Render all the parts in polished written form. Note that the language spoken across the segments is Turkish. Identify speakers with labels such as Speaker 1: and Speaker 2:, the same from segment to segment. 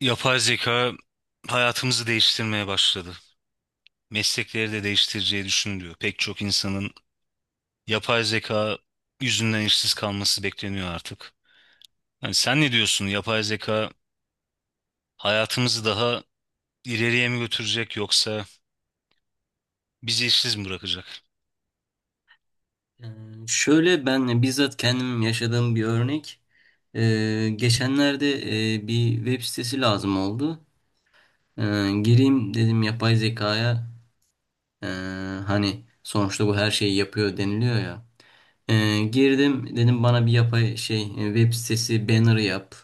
Speaker 1: Yapay zeka hayatımızı değiştirmeye başladı. Meslekleri de değiştireceği düşünülüyor. Pek çok insanın yapay zeka yüzünden işsiz kalması bekleniyor artık. Yani sen ne diyorsun? Yapay zeka hayatımızı daha ileriye mi götürecek yoksa bizi işsiz mi bırakacak?
Speaker 2: Ee, Şöyle ben bizzat kendim yaşadığım bir örnek. Geçenlerde bir web sitesi lazım oldu. Gireyim dedim yapay zekaya. Ee, Hani sonuçta bu her şeyi yapıyor deniliyor ya. Girdim dedim bana bir yapay şey, web sitesi banner yap.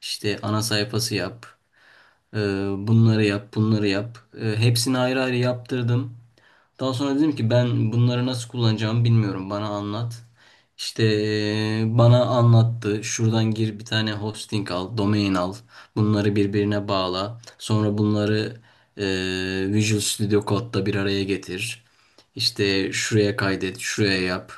Speaker 2: İşte ana sayfası yap. Ee, Bunları yap, bunları yap. Hepsini ayrı ayrı yaptırdım. Daha sonra dedim ki ben bunları nasıl kullanacağımı bilmiyorum. Bana anlat. İşte bana anlattı. Şuradan gir, bir tane hosting al, domain al. Bunları birbirine bağla. Sonra bunları Visual Studio Code'da bir araya getir. İşte şuraya kaydet, şuraya yap.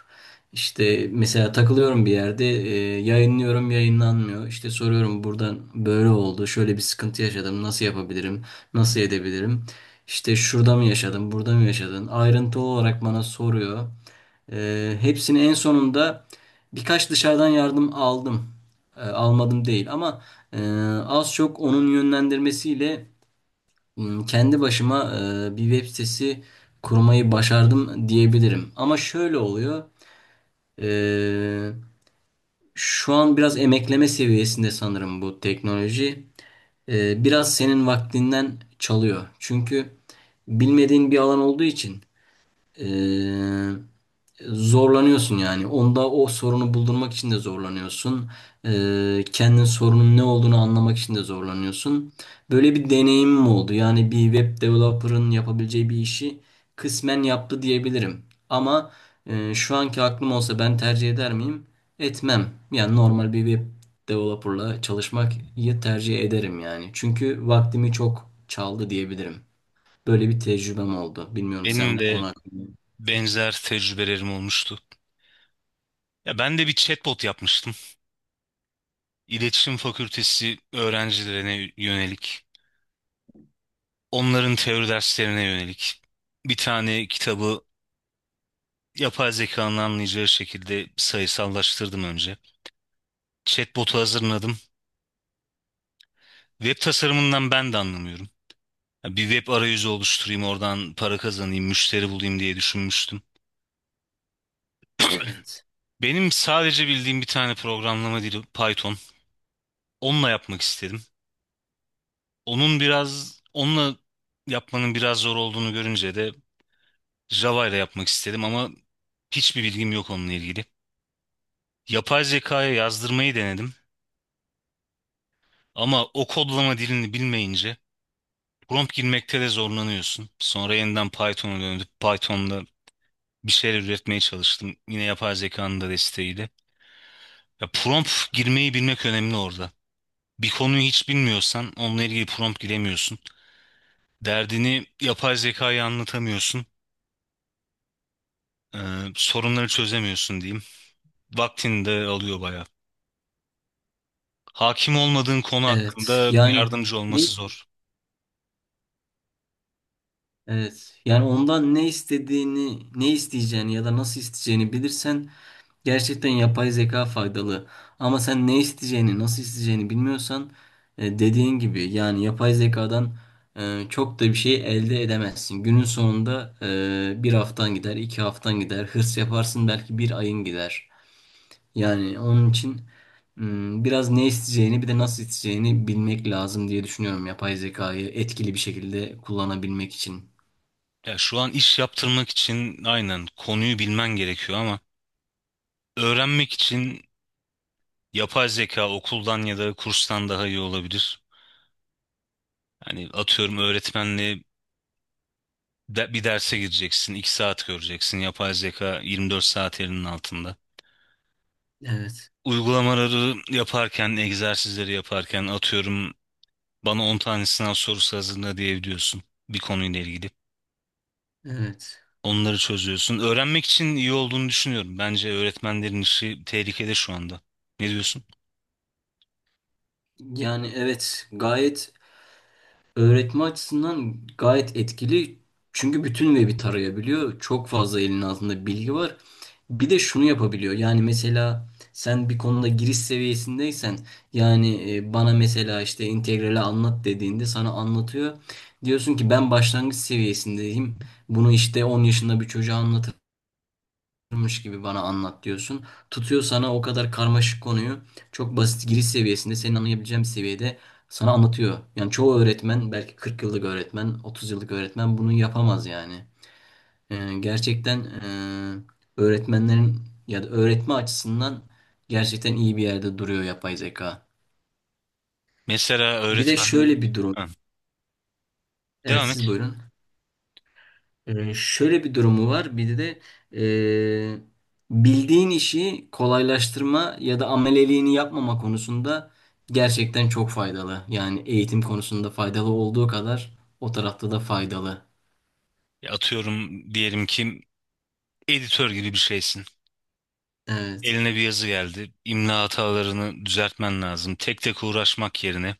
Speaker 2: İşte mesela takılıyorum bir yerde, yayınlıyorum, yayınlanmıyor. İşte soruyorum, buradan böyle oldu, şöyle bir sıkıntı yaşadım, nasıl yapabilirim, nasıl edebilirim? İşte şurada mı yaşadın, burada mı yaşadın? Ayrıntılı olarak bana soruyor. Hepsini en sonunda birkaç dışarıdan yardım aldım. Almadım değil ama e, az çok onun yönlendirmesiyle kendi başıma bir web sitesi kurmayı başardım diyebilirim. Ama şöyle oluyor. e, Şu an biraz emekleme seviyesinde sanırım bu teknoloji. Biraz senin vaktinden çalıyor. Çünkü bilmediğin bir alan olduğu için ee, zorlanıyorsun yani. Onda o sorunu buldurmak için de zorlanıyorsun. Kendin sorunun ne olduğunu anlamak için de zorlanıyorsun. Böyle bir deneyimim oldu. Yani bir web developer'ın yapabileceği bir işi kısmen yaptı diyebilirim. Ama şu anki aklım olsa ben tercih eder miyim? Etmem. Yani normal bir web developer'la çalışmayı tercih ederim yani. Çünkü vaktimi çok çaldı diyebilirim. Böyle bir tecrübem oldu. Bilmiyorum sen
Speaker 1: Benim
Speaker 2: bu
Speaker 1: de
Speaker 2: konu hakkında.
Speaker 1: benzer tecrübelerim olmuştu. Ya ben de bir chatbot yapmıştım. İletişim Fakültesi öğrencilerine yönelik, onların teori derslerine yönelik bir tane kitabı yapay zekanın anlayacağı şekilde sayısallaştırdım önce. Chatbot'u hazırladım. Web tasarımından ben de anlamıyorum. Ya bir web arayüzü oluşturayım, oradan para kazanayım, müşteri bulayım diye düşünmüştüm.
Speaker 2: Evet.
Speaker 1: Benim sadece bildiğim bir tane programlama dili Python. Onunla yapmak istedim. Onunla yapmanın biraz zor olduğunu görünce de Java ile yapmak istedim ama hiçbir bilgim yok onunla ilgili. Yapay zekaya yazdırmayı denedim ama o kodlama dilini bilmeyince prompt girmekte de zorlanıyorsun. Sonra yeniden Python'a döndüm. Python'da bir şeyler üretmeye çalıştım. Yine yapay zekanın da desteğiyle. Ya prompt girmeyi bilmek önemli orada. Bir konuyu hiç bilmiyorsan onunla ilgili prompt giremiyorsun. Derdini yapay zekaya anlatamıyorsun. Ee, sorunları çözemiyorsun diyeyim. Vaktini de alıyor bayağı. Hakim olmadığın konu
Speaker 2: Evet.
Speaker 1: hakkında
Speaker 2: Yani
Speaker 1: yardımcı
Speaker 2: ne
Speaker 1: olması zor.
Speaker 2: evet. Yani ondan ne istediğini, ne isteyeceğini ya da nasıl isteyeceğini bilirsen gerçekten yapay zeka faydalı. Ama sen ne isteyeceğini, nasıl isteyeceğini bilmiyorsan dediğin gibi yani yapay zekadan çok da bir şey elde edemezsin. Günün sonunda bir haftan gider, iki haftan gider, hırs yaparsın belki bir ayın gider. Yani onun için biraz ne isteyeceğini bir de nasıl isteyeceğini bilmek lazım diye düşünüyorum yapay zekayı etkili bir şekilde kullanabilmek için.
Speaker 1: Ya şu an iş yaptırmak için aynen konuyu bilmen gerekiyor ama öğrenmek için yapay zeka okuldan ya da kurstan daha iyi olabilir. Hani atıyorum öğretmenle bir derse gireceksin, 2 saat göreceksin. Yapay zeka 24 saat elinin altında.
Speaker 2: Evet,
Speaker 1: Uygulamaları yaparken, egzersizleri yaparken atıyorum bana 10 tane sınav sorusu hazırla diyebiliyorsun bir konuyla ilgili.
Speaker 2: evet.
Speaker 1: Onları çözüyorsun. Öğrenmek için iyi olduğunu düşünüyorum. Bence öğretmenlerin işi tehlikede şu anda. Ne diyorsun?
Speaker 2: Yani evet, gayet. Öğretme açısından gayet etkili. Çünkü bütün web'i tarayabiliyor. Çok fazla elinin altında bilgi var. Bir de şunu yapabiliyor. Yani mesela sen bir konuda giriş seviyesindeysen yani, bana mesela işte integrali anlat dediğinde sana anlatıyor. Diyorsun ki ben başlangıç seviyesindeyim. Bunu işte 10 yaşında bir çocuğa anlatırım varmış gibi bana anlat diyorsun. Tutuyor sana o kadar karmaşık konuyu çok basit giriş seviyesinde senin anlayabileceğin bir seviyede sana anlatıyor. Yani çoğu öğretmen belki 40 yıllık öğretmen, 30 yıllık öğretmen bunu yapamaz yani. Gerçekten öğretmenlerin ya da öğretme açısından gerçekten iyi bir yerde duruyor yapay zeka. Bir de şöyle bir durum.
Speaker 1: Ha,
Speaker 2: Evet
Speaker 1: devam et.
Speaker 2: siz buyurun. Şöyle bir durumu var. Bir de e, bildiğin işi kolaylaştırma ya da ameleliğini yapmama konusunda gerçekten çok faydalı. Yani eğitim konusunda faydalı olduğu kadar o tarafta da faydalı.
Speaker 1: Atıyorum diyelim ki editör gibi bir şeysin.
Speaker 2: Evet,
Speaker 1: Eline bir yazı geldi. İmla hatalarını düzeltmen lazım. Tek tek uğraşmak yerine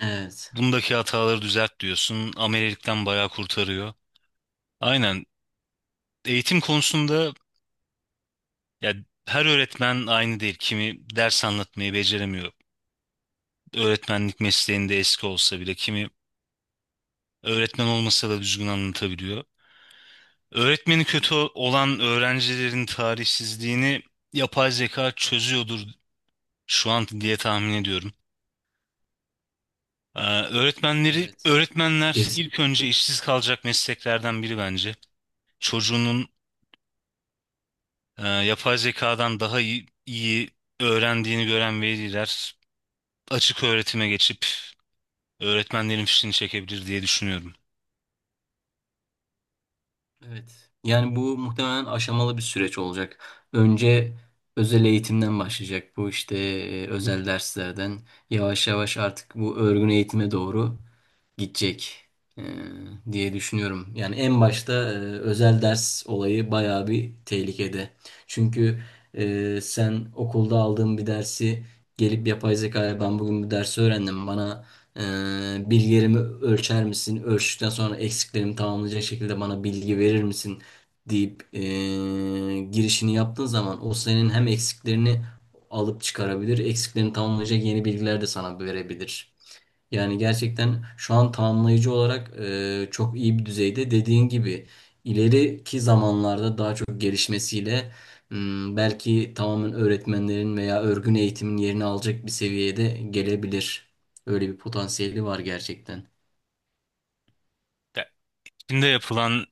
Speaker 2: evet,
Speaker 1: bundaki hataları düzelt diyorsun. Amelilikten bayağı kurtarıyor. Aynen. Eğitim konusunda ya her öğretmen aynı değil. Kimi ders anlatmayı beceremiyor. Öğretmenlik mesleğinde eski olsa bile kimi öğretmen olmasa da düzgün anlatabiliyor. Öğretmeni kötü olan öğrencilerin tarihsizliğini yapay zeka çözüyordur şu an diye tahmin ediyorum.
Speaker 2: evet.
Speaker 1: Öğretmenler
Speaker 2: Kesin,
Speaker 1: ilk önce işsiz kalacak mesleklerden biri bence. Çocuğunun yapay zekadan daha iyi öğrendiğini gören veliler açık öğretime geçip öğretmenlerin fişini çekebilir diye düşünüyorum.
Speaker 2: evet. Yani bu muhtemelen aşamalı bir süreç olacak. Önce özel eğitimden başlayacak, bu işte özel derslerden yavaş yavaş artık bu örgün eğitime doğru gidecek e, diye düşünüyorum. Yani en başta özel ders olayı bayağı bir tehlikede. Çünkü sen okulda aldığın bir dersi gelip yapay zekaya, ben bugün bu dersi öğrendim, bana bilgilerimi ölçer misin? Ölçtükten sonra eksiklerimi tamamlayacak şekilde bana bilgi verir misin? Deyip girişini yaptığın zaman o senin hem eksiklerini alıp çıkarabilir, eksiklerini tamamlayacak yeni bilgiler de sana verebilir. Yani gerçekten şu an tamamlayıcı olarak çok iyi bir düzeyde. Dediğin gibi ileriki zamanlarda daha çok gelişmesiyle belki tamamen öğretmenlerin veya örgün eğitimin yerini alacak bir seviyede gelebilir. Öyle bir potansiyeli var gerçekten.
Speaker 1: Ya, Çin'de yapılan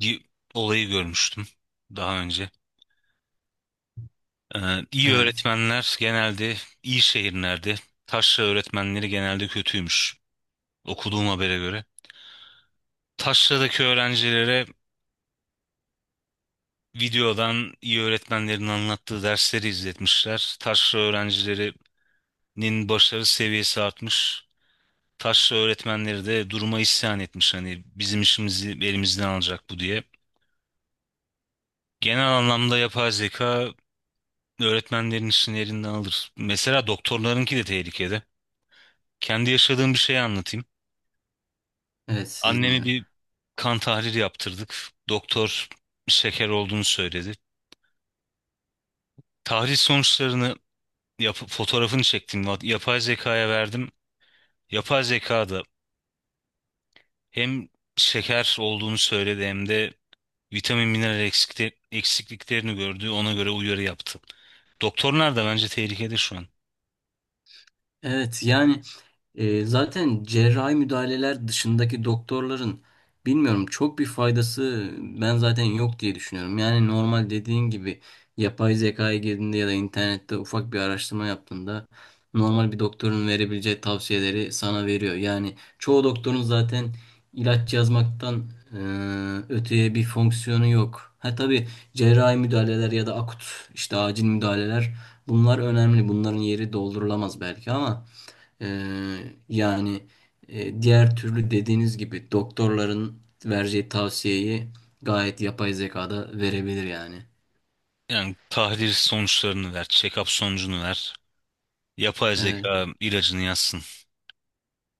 Speaker 1: bir olayı görmüştüm daha önce. İyi
Speaker 2: Evet.
Speaker 1: öğretmenler genelde iyi şehirlerde, taşra öğretmenleri genelde kötüymüş okuduğum habere göre. Taşra'daki öğrencilere videodan iyi öğretmenlerin anlattığı dersleri izletmişler. Taşra öğrencilerinin başarı seviyesi artmış. Taşra öğretmenleri de duruma isyan etmiş. Hani bizim işimizi elimizden alacak bu diye. Genel anlamda yapay zeka öğretmenlerin işini elinden alır. Mesela doktorlarınki de tehlikede. Kendi yaşadığım bir şeyi anlatayım.
Speaker 2: Evet sizi
Speaker 1: Annemi
Speaker 2: dinliyorum.
Speaker 1: bir kan tahlili yaptırdık. Doktor şeker olduğunu söyledi. Tahlil sonuçlarını yapıp fotoğrafını çektim. Yapay zekaya verdim. Yapay zeka da hem şeker olduğunu söyledi hem de vitamin mineral eksikliklerini gördü. Ona göre uyarı yaptı. Doktorlar da bence tehlikede şu an.
Speaker 2: Evet, yani. Zaten cerrahi müdahaleler dışındaki doktorların bilmiyorum çok bir faydası ben zaten yok diye düşünüyorum. Yani normal dediğin gibi yapay zekaya girdiğinde ya da internette ufak bir araştırma yaptığında normal bir doktorun verebileceği tavsiyeleri sana veriyor. Yani çoğu doktorun zaten ilaç yazmaktan öteye bir fonksiyonu yok. Ha tabii cerrahi müdahaleler ya da akut işte acil müdahaleler bunlar önemli. Bunların yeri doldurulamaz belki ama yani diğer türlü dediğiniz gibi doktorların vereceği tavsiyeyi gayet yapay zekada verebilir yani.
Speaker 1: Yani tahlil sonuçlarını ver, check-up sonucunu ver. Yapay
Speaker 2: Evet.
Speaker 1: zeka ilacını yazsın.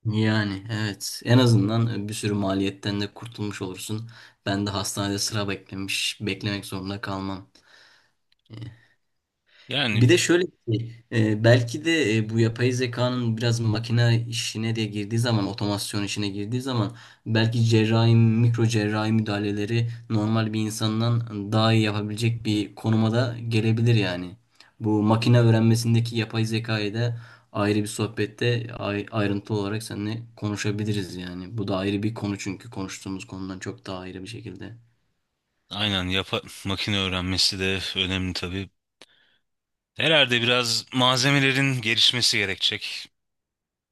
Speaker 2: Yani evet, en azından bir sürü maliyetten de kurtulmuş olursun. Ben de hastanede sıra beklemek zorunda kalmam.
Speaker 1: Yani
Speaker 2: Bir de şöyle bir şey, belki de bu yapay zekanın biraz makine işine de girdiği zaman, otomasyon işine girdiği zaman belki cerrahi, mikro cerrahi müdahaleleri normal bir insandan daha iyi yapabilecek bir konuma da gelebilir yani. Bu makine öğrenmesindeki yapay zekayı da ayrı bir sohbette ayrıntılı olarak seninle konuşabiliriz yani. Bu da ayrı bir konu çünkü konuştuğumuz konudan çok daha ayrı bir şekilde.
Speaker 1: aynen makine öğrenmesi de önemli tabii. Herhalde biraz malzemelerin gelişmesi gerekecek.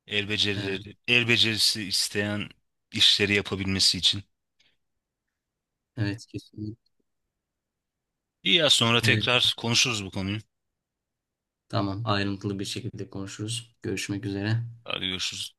Speaker 1: El
Speaker 2: Evet,
Speaker 1: becerileri, el becerisi isteyen işleri yapabilmesi için.
Speaker 2: evet, kesinlikle.
Speaker 1: İyi ya sonra tekrar konuşuruz bu konuyu.
Speaker 2: Tamam, ayrıntılı bir şekilde konuşuruz. Görüşmek üzere.
Speaker 1: Hadi görüşürüz.